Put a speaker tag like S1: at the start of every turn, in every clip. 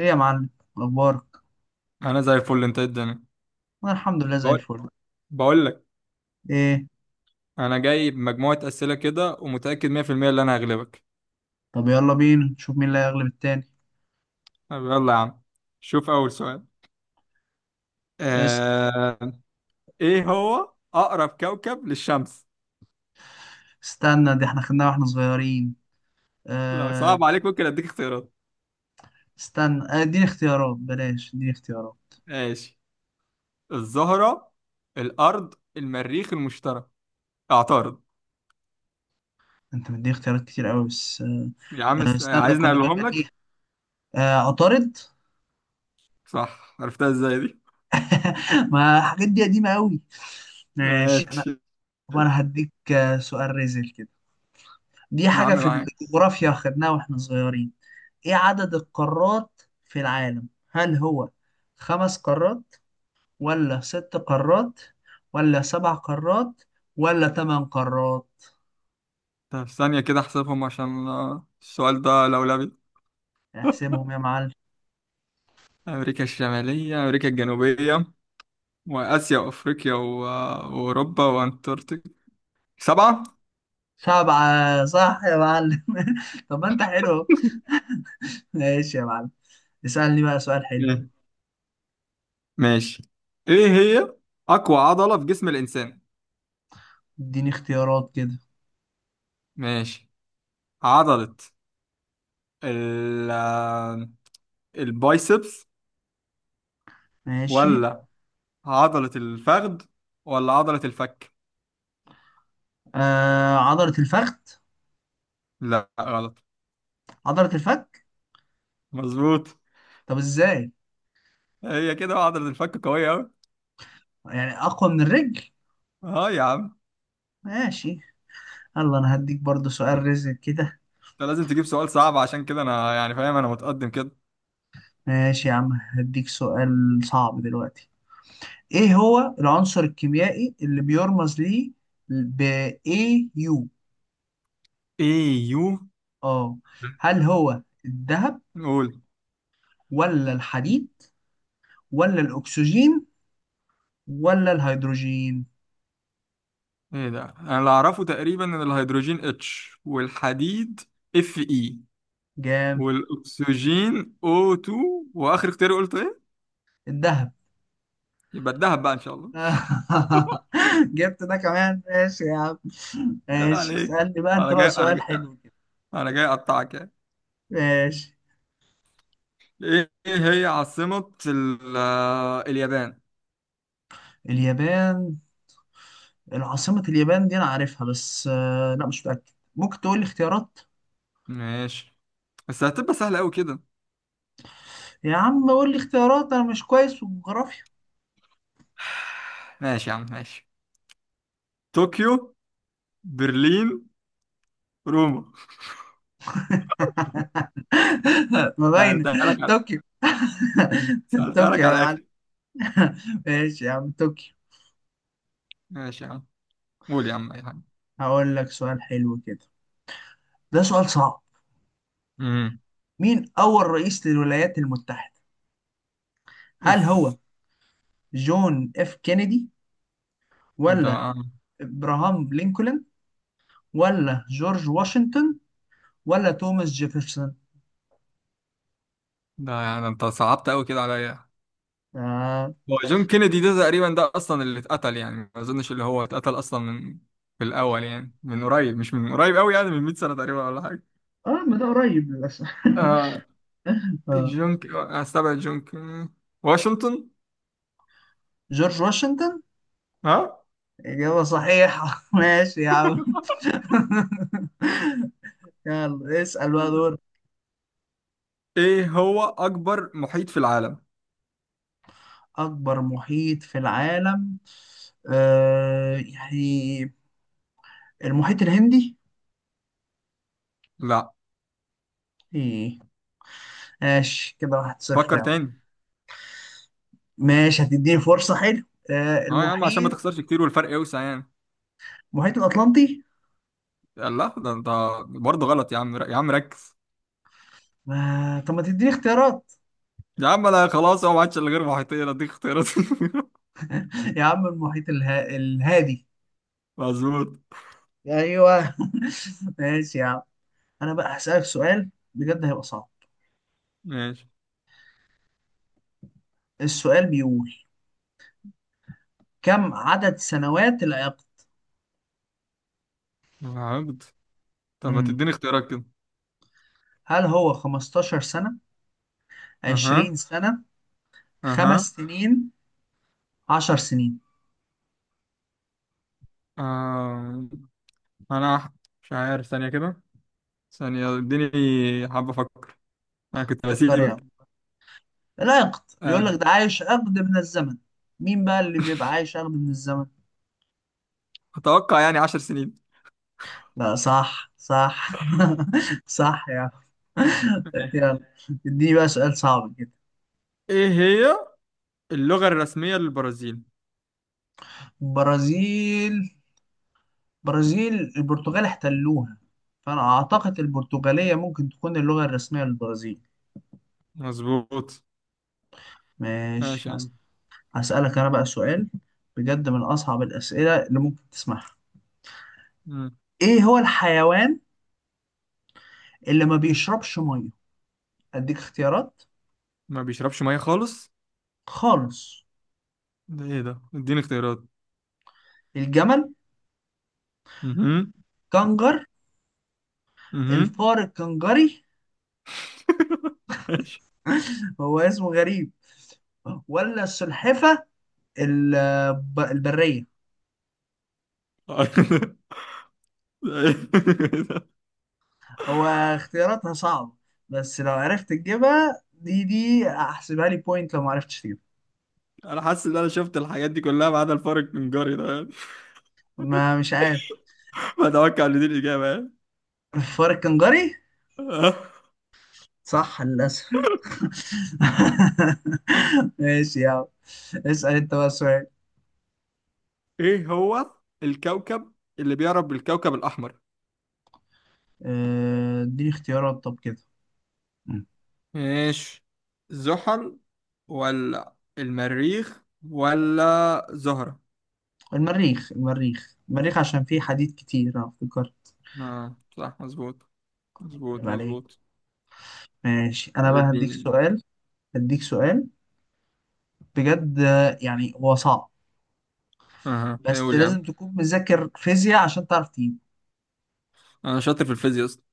S1: ايه يا معلم؟ اخبارك؟
S2: انا زي الفل. انت إيه الدنيا؟
S1: انا الحمد لله زي
S2: بقول
S1: الفل.
S2: بقول لك
S1: ايه؟
S2: انا جايب مجموعه اسئله كده ومتاكد 100% ان انا هغلبك.
S1: طب يلا بينا نشوف مين اللي هيغلب التاني.
S2: طب يلا يا عم، شوف اول سؤال.
S1: اس.
S2: آه... ايه هو اقرب كوكب للشمس؟
S1: استنى، دي احنا خدناها واحنا صغيرين.
S2: لو
S1: آه.
S2: صعب عليك ممكن اديك اختيارات.
S1: استنى اديني اختيارات، بلاش اديني اختيارات.
S2: ماشي، الزهره، الارض، المريخ، المشتري. اعترض
S1: انت مديني اختيارات كتير قوي بس
S2: يا عم.
S1: استنى
S2: عايزني
S1: كنا
S2: اقولهم لك؟
S1: بنغنيها. آه، عطارد.
S2: صح، عرفتها ازاي دي؟
S1: ما الحاجات دي قديمة قوي. ماشي انا.
S2: ماشي
S1: طب انا هديك سؤال ريزل كده. دي
S2: يا عم،
S1: حاجة في
S2: معاك.
S1: الجغرافيا خدناها واحنا صغيرين. ايه عدد القارات في العالم؟ هل هو خمس قارات، ولا ست قارات، ولا سبع قارات، ولا تمن قارات؟
S2: طب ثانيه كده احسبهم عشان، السؤال ده لولبي.
S1: احسبهم يا معلم.
S2: أمريكا الشمالية، أمريكا الجنوبية، وآسيا، وأفريقيا، وأوروبا، وأنتاركتيكا. سبعة.
S1: سبعة صح يا معلم. طب ما انت حلو أهو. ماشي يا معلم. اسألني بقى سؤال حلو.
S2: مم. ماشي. إيه هي أقوى عضلة في جسم الإنسان؟
S1: اديني اختيارات كده.
S2: ماشي، عضلة ال... البايسبس،
S1: ماشي.
S2: ولا عضلة الفخذ، ولا عضلة الفك؟
S1: آه، عضلة الفخذ.
S2: لا غلط.
S1: عضلة الفك.
S2: مظبوط.
S1: طب ازاي؟
S2: هي كده عضلة الفك قوية أوي.
S1: يعني اقوى من الرجل.
S2: أه يا عم.
S1: ماشي. يلا انا هديك برضو سؤال رزق كده.
S2: أنت لازم تجيب سؤال صعب، عشان كده أنا يعني فاهم أنا متقدم كده.
S1: ماشي يا عم. هديك سؤال صعب دلوقتي. ايه هو العنصر الكيميائي اللي بيرمز ليه ب AU؟
S2: إيه يو؟
S1: اه، هل هو الذهب،
S2: قول.
S1: ولا الحديد، ولا الاكسجين، ولا الهيدروجين؟
S2: ايه ده، انا اللي اعرفه تقريبا ان الهيدروجين اتش، والحديد اف اي،
S1: جام.
S2: والاكسجين او 2. واخر اختيار قلت ايه؟
S1: الذهب.
S2: يبقى الدهب بقى ان شاء الله.
S1: جبت ده كمان، ماشي يا عم.
S2: ايه
S1: ماشي،
S2: عليك،
S1: اسألني بقى انت
S2: انا
S1: بقى
S2: جاي انا
S1: سؤال
S2: جاي
S1: حلو كده.
S2: انا جاي اقطعك يعني.
S1: ماشي.
S2: ايه، إيه هي عاصمة اليابان؟
S1: اليابان. العاصمة اليابان دي انا عارفها، بس لا مش متأكد. ممكن تقول لي اختيارات.
S2: ماشي، بس هتبقى سهلة قوي كده.
S1: يا عم قول لي اختيارات، انا مش كويس في الجغرافيا.
S2: ماشي يا عم، ماشي. طوكيو، برلين، روما.
S1: ما باينه.
S2: سألتها لك على،
S1: طوكيو.
S2: سألتها لك
S1: طوكيو يا
S2: على
S1: معلم.
S2: الاخر.
S1: ماشي يا عم، طوكيو.
S2: ماشي يا عم. قول يا عم اي حاجة.
S1: هقول لك سؤال حلو كده. ده سؤال صعب.
S2: امم.
S1: مين اول رئيس للولايات المتحده؟ هل
S2: اوف.
S1: هو جون اف كينيدي،
S2: ده
S1: ولا ابراهام لينكولن، ولا جورج واشنطن، ولا توماس جيفرسون؟
S2: ده يعني انت صعبت قوي كده عليا.
S1: اه.
S2: هو جون كينيدي ده تقريبا، ده اصلا اللي اتقتل، يعني ما اظنش اللي هو اتقتل اصلا من، في الاول يعني، من قريب، مش من قريب قوي، يعني من 100 سنة تقريبا ولا حاجة.
S1: اه، ما ده قريب للاسف.
S2: آه.
S1: آه.
S2: استبعد واشنطن.
S1: جورج واشنطن.
S2: ها.
S1: إجابة صحيحة. ماشي يا عم. يلا اسأل بقى دور.
S2: ايه هو اكبر محيط في العالم؟
S1: أكبر محيط في العالم. يعني، المحيط الهندي.
S2: لا.
S1: إيه؟ ماشي كده، 1-0
S2: فكر
S1: يا عم.
S2: تاني.
S1: ماشي، هتديني فرصة، حلو. آه،
S2: ها يا عم، عشان ما
S1: المحيط.
S2: تخسرش كتير والفرق يوسع يعني.
S1: المحيط الأطلنطي.
S2: لا، ده انت برضه غلط. يا عم، ركز.
S1: طب ما تديني اختيارات.
S2: يا عم انا خلاص، هو ما عادش الا غير محيطين. اديك اختيارات؟
S1: يا عم المحيط الهادي.
S2: مظبوط.
S1: أيوه. ماشي يا عم. أنا بقى هسألك سؤال بجد هيبقى صعب.
S2: ماشي.
S1: السؤال بيقول، كم عدد سنوات العقد؟
S2: العبد؟ طب ما
S1: مم.
S2: تديني اختيارات كده.
S1: هل هو 15 سنة،
S2: اها.
S1: 20 سنة، خمس
S2: اها.
S1: سنين 10 سنين؟
S2: آه. انا أح- مش عارف. ثانية كده، ثانية، اديني، حابة افكر، انا كنت
S1: فكر يا
S2: بسيبك.
S1: عم. العقد بيقول لك
S2: آه.
S1: ده عايش عقد من الزمن. مين بقى اللي بيبقى عايش عقد من الزمن؟
S2: اتوقع يعني عشر سنين.
S1: لا صح صح. صح يا عم. يلا اديني بقى سؤال صعب كده.
S2: ايه هي اللغة الرسمية للبرازيل؟
S1: برازيل. برازيل البرتغال احتلوها، فانا اعتقد البرتغالية ممكن تكون اللغة الرسمية للبرازيل.
S2: مظبوط.
S1: ماشي.
S2: ماشي يا عم.
S1: هسألك أنا بقى سؤال بجد من أصعب الأسئلة اللي ممكن تسمعها.
S2: مم.
S1: إيه هو الحيوان اللي ما بيشربش مية؟ أديك اختيارات.
S2: ما بيشربش مية خالص؟
S1: خالص.
S2: ده ايه ده، اديني اختيارات.
S1: الجمل،
S2: اها.
S1: كنجر،
S2: اها.
S1: الفار الكنجري.
S2: ماشي.
S1: هو اسمه غريب. ولا السلحفة البرية. هو اختياراتها صعبة، بس لو عرفت تجيبها دي أحسبها لي بوينت لو ما عرفتش تجيبها.
S2: انا حاسس ان انا شفت الحاجات دي كلها ما عدا الفرق من جاري ده.
S1: ما مش عارف.
S2: بتوقع ان دي الاجابه يعني.
S1: الفار الكنجري. صح للأسف. ماشي يا عم. اسأل انت بقى سؤال.
S2: ايه هو الكوكب اللي بيعرف بالكوكب الاحمر؟
S1: اديني اختيارات طب كده. مم.
S2: ماشي، زحل، ولا المريخ، ولا زهرة؟
S1: المريخ المريخ المريخ عشان فيه حديد كتير انا افتكر.
S2: اه صح مظبوط.
S1: عيب
S2: مظبوط
S1: عليك.
S2: مظبوط
S1: ماشي انا
S2: طب
S1: بقى هديك
S2: اديني.
S1: سؤال. هديك سؤال بجد، يعني هو صعب.
S2: اها. ايه،
S1: بس
S2: قول يا عم.
S1: لازم تكون مذاكر فيزياء عشان تعرف تجيبه.
S2: انا شاطر في الفيزياء اصلا.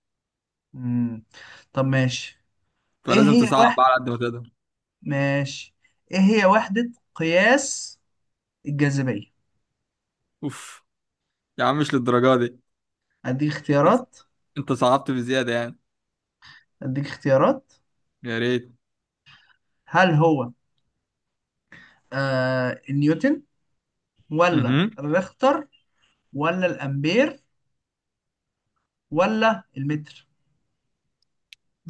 S1: مم. طب ماشي. ايه
S2: فلازم
S1: هي
S2: تصعب بقى
S1: وحدة.
S2: على قد ما تقدر.
S1: ماشي. ايه هي وحدة قياس الجاذبية؟
S2: اوف. يا عم مش للدرجه دي.
S1: اديك اختيارات.
S2: انت صعبت بزياده يعني.
S1: اديك اختيارات.
S2: يا ريت.
S1: هل هو النيوتن، ولا
S2: اها.
S1: الريختر، ولا الامبير، ولا المتر؟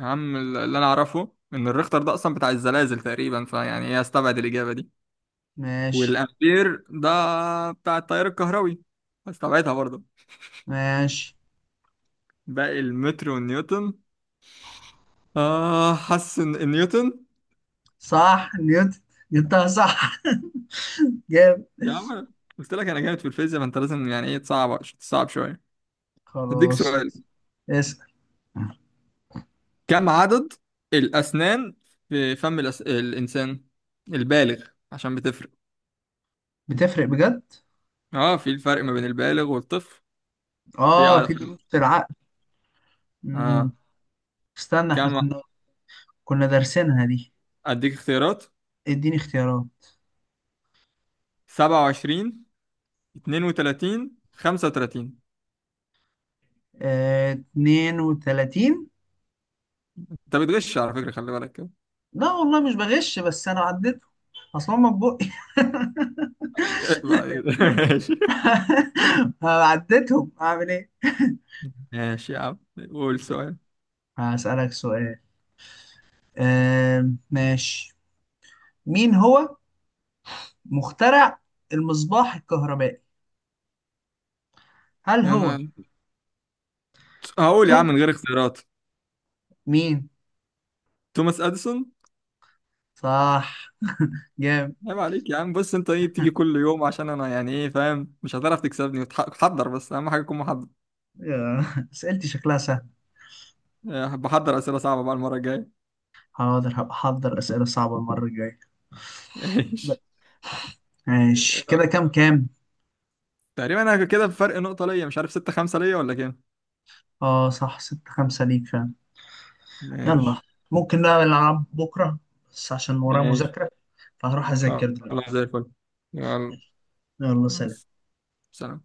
S2: يا عم، اللي انا اعرفه ان الريختر ده اصلا بتاع الزلازل تقريبا، فيعني ايه، استبعد الاجابه دي.
S1: ماشي.
S2: والامبير ده بتاع التيار الكهربي، استبعدها برضه.
S1: ماشي.
S2: باقي المتر والنيوتن. اه، حاسس ان النيوتن.
S1: صح نيوتن. جبتها صح. جامد.
S2: يا عم قلت لك انا جامد في الفيزياء، فانت لازم يعني ايه، تصعب شويه. هديك
S1: خلاص.
S2: سؤال.
S1: اسأل.
S2: كم عدد الاسنان في فم الانسان البالغ؟ عشان بتفرق.
S1: بتفرق بجد.
S2: اه، في الفرق ما بين البالغ والطفل. في
S1: اه،
S2: عدد
S1: في
S2: في،
S1: دروس في العقل. مم.
S2: اه،
S1: استنى احنا
S2: كم؟
S1: كنا دارسينها دي.
S2: اديك اختيارات.
S1: اديني اختيارات.
S2: 27، 32، 35.
S1: آه، 32.
S2: انت بتغش على فكره، خلي بالك.
S1: لا والله مش بغش بس انا عديت اصلا، ما بقى.
S2: ماشي.
S1: عديتهم اعمل ايه.
S2: ماشي يا عم، قول سؤال.
S1: هسألك سؤال. ماشي. مين هو مخترع المصباح الكهربائي؟ هل هو
S2: انا هقول يا عم
S1: توم،
S2: من غير اختيارات.
S1: مين؟
S2: توماس اديسون.
S1: صح. جامد.
S2: عيب عليك يا عم. بص انت ايه بتيجي كل يوم، عشان انا يعني ايه فاهم، مش هتعرف تكسبني. تحضر، بس اهم حاجه تكون محضر.
S1: آه، اسئلتي شكلها سهل.
S2: بحضر اسئله صعبه بقى المره الجايه.
S1: حاضر هبقى احضر اسئله صعبه المره الجايه.
S2: ماشي.
S1: ماشي
S2: آه،
S1: كده، كام كام؟
S2: تقريبا انا كده بفرق نقطه ليا، مش عارف ستة خمسة ليا ولا كام.
S1: اه، صح 6-5 ليك فعلا. يلا.
S2: ماشي.
S1: ممكن بقى نلعب بكره، بس عشان ورايا
S2: ماشي،
S1: مذاكره، فهروح اذاكر دلوقتي.
S2: خلاص، زي الفل. يلا
S1: يلا، سلام.
S2: سلام.